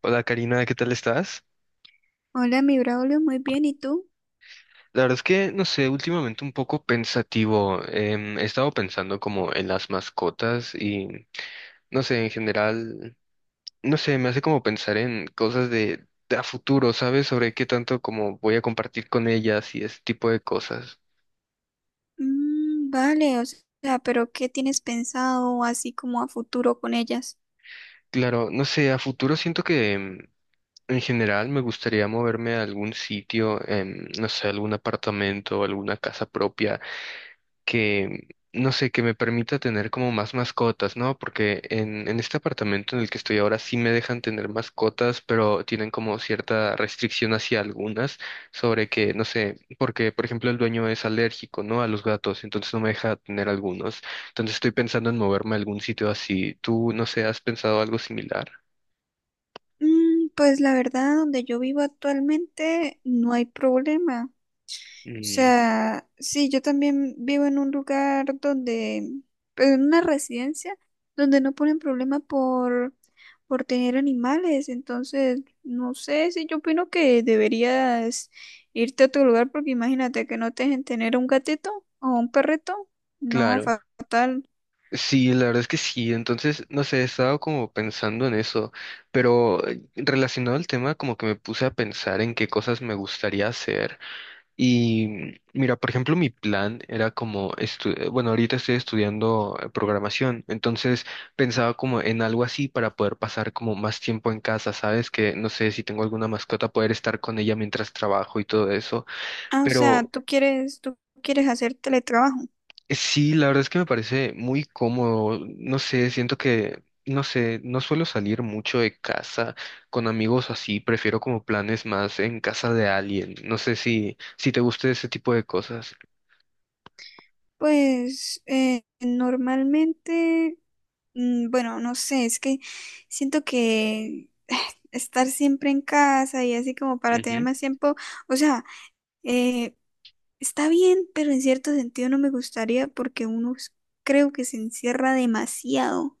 Hola Karina, ¿qué tal estás? Hola, mi Braulio, muy bien, ¿y tú? La verdad es que, no sé, últimamente un poco pensativo. He estado pensando como en las mascotas y, no sé, en general, no sé, me hace como pensar en cosas de a futuro, ¿sabes? Sobre qué tanto como voy a compartir con ellas y ese tipo de cosas. Mm, vale, o sea, pero ¿qué tienes pensado así como a futuro con ellas? Claro, no sé, a futuro siento que en general me gustaría moverme a algún sitio, no sé, algún apartamento, alguna casa propia que, no sé, que me permita tener como más mascotas, ¿no? Porque en este apartamento en el que estoy ahora sí me dejan tener mascotas, pero tienen como cierta restricción hacia algunas sobre que, no sé, porque, por ejemplo, el dueño es alérgico, ¿no? A los gatos, entonces no me deja tener algunos. Entonces estoy pensando en moverme a algún sitio así. ¿Tú, no sé, has pensado algo similar? Pues la verdad, donde yo vivo actualmente no hay problema. O Mm, sea, sí, yo también vivo en un lugar donde, pues, en una residencia donde no ponen problema por tener animales. Entonces, no sé si yo opino que deberías irte a otro lugar porque imagínate que no te dejen tener un gatito o un perrito. No, claro. fatal. Sí, la verdad es que sí. Entonces, no sé, he estado como pensando en eso, pero relacionado al tema, como que me puse a pensar en qué cosas me gustaría hacer. Y mira, por ejemplo, mi plan era como, bueno, ahorita estoy estudiando programación, entonces pensaba como en algo así para poder pasar como más tiempo en casa, ¿sabes? Que no sé si tengo alguna mascota, poder estar con ella mientras trabajo y todo eso. Ah, o sea, Pero tú quieres hacer teletrabajo. sí, la verdad es que me parece muy cómodo. No sé, siento que, no sé, no suelo salir mucho de casa con amigos así. Prefiero como planes más en casa de alguien. No sé si te gusta ese tipo de cosas. Pues normalmente, bueno, no sé, es que siento que estar siempre en casa y así como para tener Ujú. más tiempo, o sea, eh, está bien, pero en cierto sentido no me gustaría porque creo que se encierra demasiado.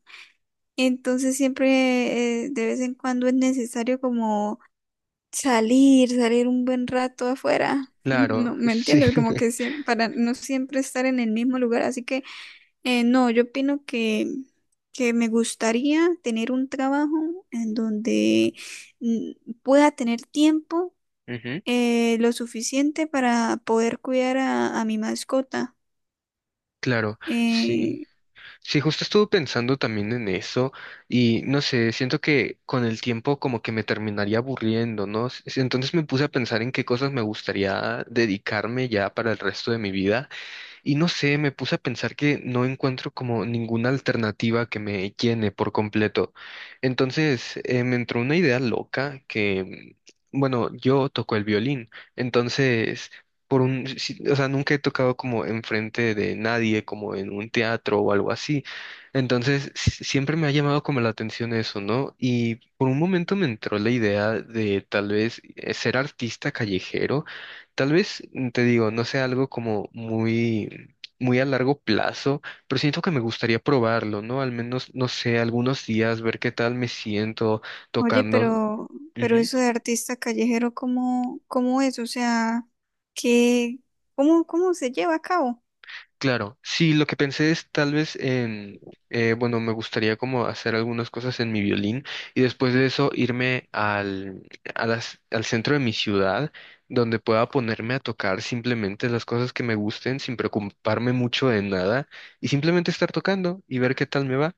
Entonces siempre de vez en cuando es necesario como salir un buen rato afuera. Claro, No, ¿me sí. entiendes? Como que para no siempre estar en el mismo lugar, así que no, yo opino que me gustaría tener un trabajo en donde mm, pueda tener tiempo Ujú, lo suficiente para poder cuidar a mi mascota. claro, sí. Eh, Sí, justo estuve pensando también en eso y no sé, siento que con el tiempo como que me terminaría aburriendo, ¿no? Entonces me puse a pensar en qué cosas me gustaría dedicarme ya para el resto de mi vida. Y no sé, me puse a pensar que no encuentro como ninguna alternativa que me llene por completo. Entonces, me entró una idea loca que, bueno, yo toco el violín, entonces, por un, si- o sea, nunca he tocado como enfrente de nadie, como en un teatro o algo así. Entonces, siempre me ha llamado como la atención eso, ¿no? Y por un momento me entró la idea de tal vez ser artista callejero. Tal vez, te digo, no sea algo como muy muy a largo plazo, pero siento que me gustaría probarlo, ¿no? Al menos, no sé, algunos días, ver qué tal me siento Oye, tocando. pero, Ujú. eso de artista callejero, ¿cómo es? O sea, ¿qué, ¿cómo se lleva a cabo? Claro, sí, lo que pensé es tal vez en, bueno, me gustaría como hacer algunas cosas en mi violín y después de eso a al centro de mi ciudad, donde pueda ponerme a tocar simplemente las cosas que me gusten sin preocuparme mucho de nada y simplemente estar tocando y ver qué tal me va.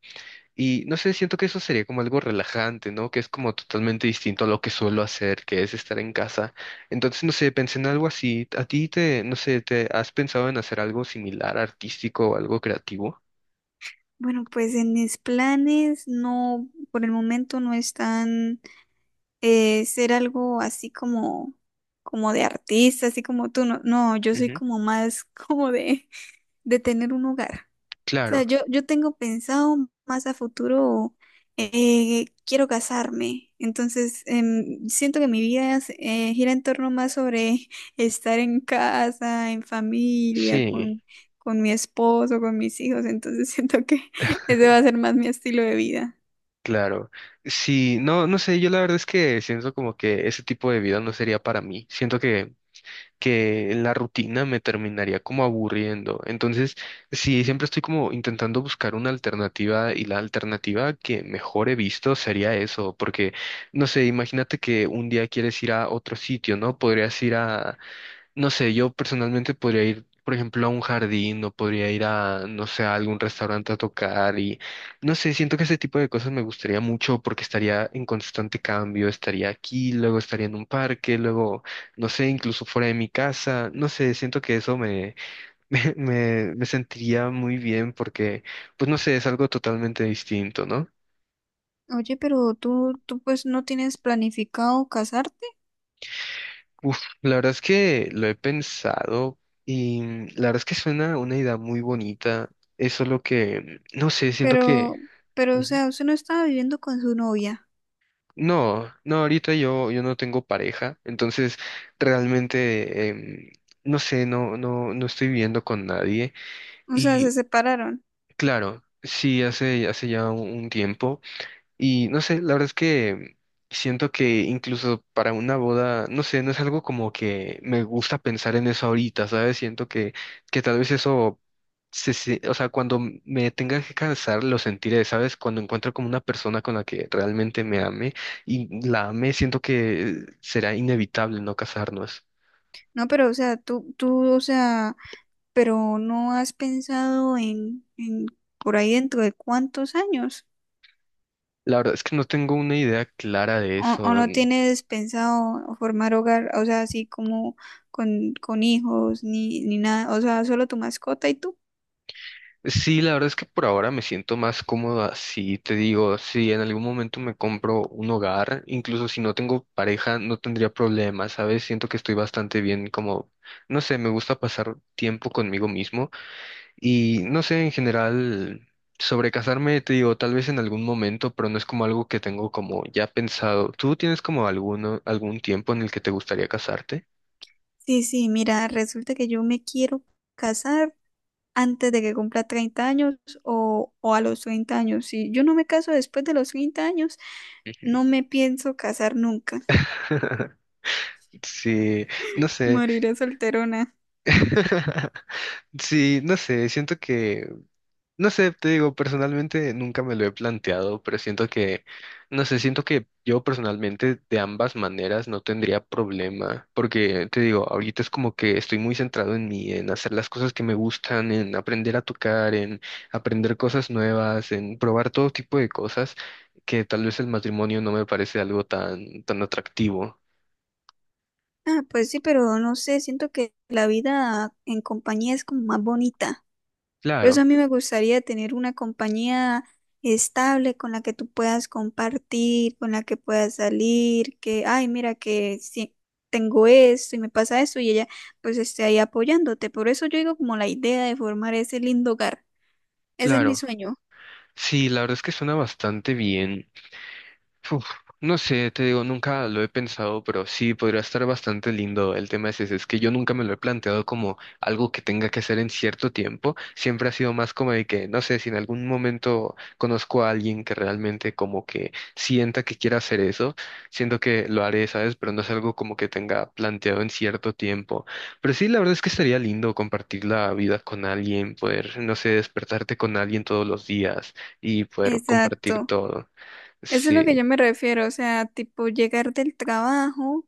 Y no sé, siento que eso sería como algo relajante, ¿no? Que es como totalmente distinto a lo que suelo hacer, que es estar en casa. Entonces, no sé, pensé en algo así. ¿A ti te, no sé, te has pensado en hacer algo similar, artístico o algo creativo? Bueno, pues en mis planes no, por el momento no están ser algo así como de artista, así como tú. No, no, yo soy Ujú. como más como de tener un hogar. O sea, Claro, yo tengo pensado más a futuro, quiero casarme. Entonces, siento que mi vida gira en torno más sobre estar en casa, en familia, sí, con mi esposo, con mis hijos. Entonces, siento que ese va a ser más mi estilo de vida. claro. Sí, no, no sé, yo la verdad es que siento como que ese tipo de vida no sería para mí. Siento que la rutina me terminaría como aburriendo. Entonces, sí, siempre estoy como intentando buscar una alternativa y la alternativa que mejor he visto sería eso, porque, no sé, imagínate que un día quieres ir a otro sitio, ¿no? Podrías ir a no sé, yo personalmente podría ir, por ejemplo, a un jardín o podría ir a, no sé, a algún restaurante a tocar y, no sé, siento que ese tipo de cosas me gustaría mucho porque estaría en constante cambio, estaría aquí, luego estaría en un parque, luego, no sé, incluso fuera de mi casa, no sé, siento que eso me sentiría muy bien porque, pues no sé, es algo totalmente distinto, ¿no? Oye, pero tú pues no tienes planificado casarte. Uf, la verdad es que lo he pensado y la verdad es que suena una idea muy bonita. Eso es lo que, no sé, siento que... Pero, pero, o Ujú. sea, usted no estaba viviendo con su novia. No, no, ahorita yo no tengo pareja, entonces realmente, no sé, no estoy viviendo con nadie. O sea, se Y separaron. claro, sí, hace ya un tiempo. Y no sé, la verdad es que siento que incluso para una boda, no sé, no es algo como que me gusta pensar en eso ahorita, ¿sabes? Siento que tal vez eso, o sea, cuando me tenga que casar, lo sentiré, ¿sabes? Cuando encuentro como una persona con la que realmente me ame y la ame, siento que será inevitable no casarnos. No, pero, o sea, tú, o sea, pero no has pensado en por ahí dentro de cuántos años. La verdad es que no tengo una idea clara de O eso. no tienes pensado formar hogar, o sea, así como con hijos, ni nada. O sea, solo tu mascota y tú. Sí, la verdad es que por ahora me siento más cómoda. Si te digo, si en algún momento me compro un hogar, incluso si no tengo pareja, no tendría problemas, ¿sabes? Siento que estoy bastante bien, como, no sé, me gusta pasar tiempo conmigo mismo y no sé, en general, sobre casarme, te digo, tal vez en algún momento, pero no es como algo que tengo como ya pensado. ¿Tú tienes como algún tiempo en el que te gustaría casarte? Sí, sí, mira, resulta que yo me quiero casar antes de que cumpla 30 años o a los 30 años. Si yo no me caso después de los 30 años, no me pienso casar nunca. Sí, no sé. Moriré solterona. Sí, no sé, siento que no sé, te digo, personalmente nunca me lo he planteado, pero siento que, no sé, siento que yo personalmente de ambas maneras no tendría problema, porque te digo, ahorita es como que estoy muy centrado en mí, en hacer las cosas que me gustan, en aprender a tocar, en aprender cosas nuevas, en probar todo tipo de cosas que tal vez el matrimonio no me parece algo tan, tan atractivo. Ah, pues sí, pero no sé, siento que la vida en compañía es como más bonita. Por eso Claro, a mí me gustaría tener una compañía estable con la que tú puedas compartir, con la que puedas salir, que, ay, mira que si tengo esto y me pasa esto y ella pues esté ahí apoyándote. Por eso yo digo como la idea de formar ese lindo hogar. Ese es mi claro. sueño. Sí, la verdad es que suena bastante bien. Uf, no sé, te digo, nunca lo he pensado, pero sí podría estar bastante lindo. El tema es ese, es que yo nunca me lo he planteado como algo que tenga que hacer en cierto tiempo. Siempre ha sido más como de que, no sé, si en algún momento conozco a alguien que realmente como que sienta que quiera hacer eso, siento que lo haré, ¿sabes? Pero no es algo como que tenga planteado en cierto tiempo. Pero sí, la verdad es que estaría lindo compartir la vida con alguien, poder, no sé, despertarte con alguien todos los días y poder compartir Exacto. todo. Eso es lo que yo Sí. me refiero. O sea, tipo llegar del trabajo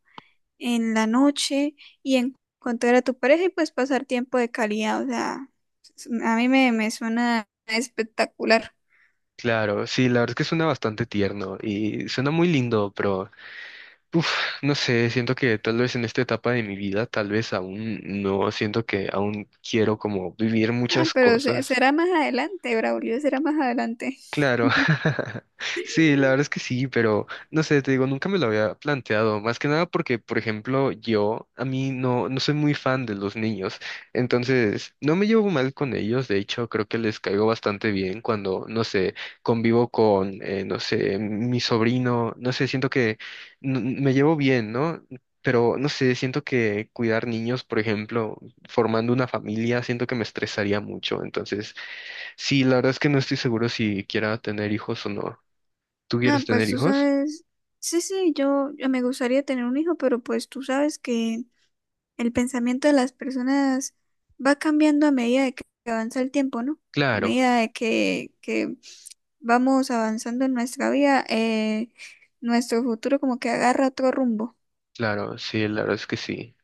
en la noche y encontrar a tu pareja y pues pasar tiempo de calidad. O sea, a mí me suena espectacular. Claro, sí, la verdad es que suena bastante tierno y suena muy lindo, pero uf, no sé, siento que tal vez en esta etapa de mi vida, tal vez aún no siento que aún quiero como vivir Ah, muchas pero cosas. será más adelante, Braulio, será más adelante. Claro, sí, la verdad es que sí, pero no sé, te digo, nunca me lo había planteado, más que nada porque, por ejemplo, a mí no soy muy fan de los niños, entonces no me llevo mal con ellos, de hecho, creo que les caigo bastante bien cuando, no sé, convivo con, no sé, mi sobrino, no sé, siento que me llevo bien, ¿no? Pero, no sé, siento que cuidar niños, por ejemplo, formando una familia, siento que me estresaría mucho, entonces... Sí, la verdad es que no estoy seguro si quiera tener hijos o no. ¿Tú Ah, quieres pues tener tú hijos? sabes, sí, sí, yo me gustaría tener un hijo, pero pues tú sabes que el pensamiento de las personas va cambiando a medida de que avanza el tiempo, ¿no? A Claro, medida de que vamos avanzando en nuestra vida, nuestro futuro como que agarra otro rumbo. claro, sí, la verdad es que sí.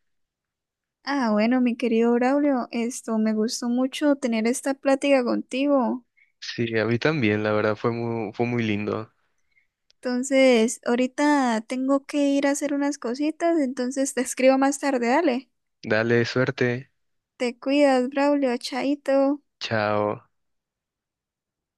Ah, bueno, mi querido Braulio, esto me gustó mucho tener esta plática contigo. Sí, a mí también, la verdad fue muy lindo. Entonces, ahorita tengo que ir a hacer unas cositas, entonces te escribo más tarde, dale. Dale, suerte. Te cuidas, Braulio, chaito. Chao.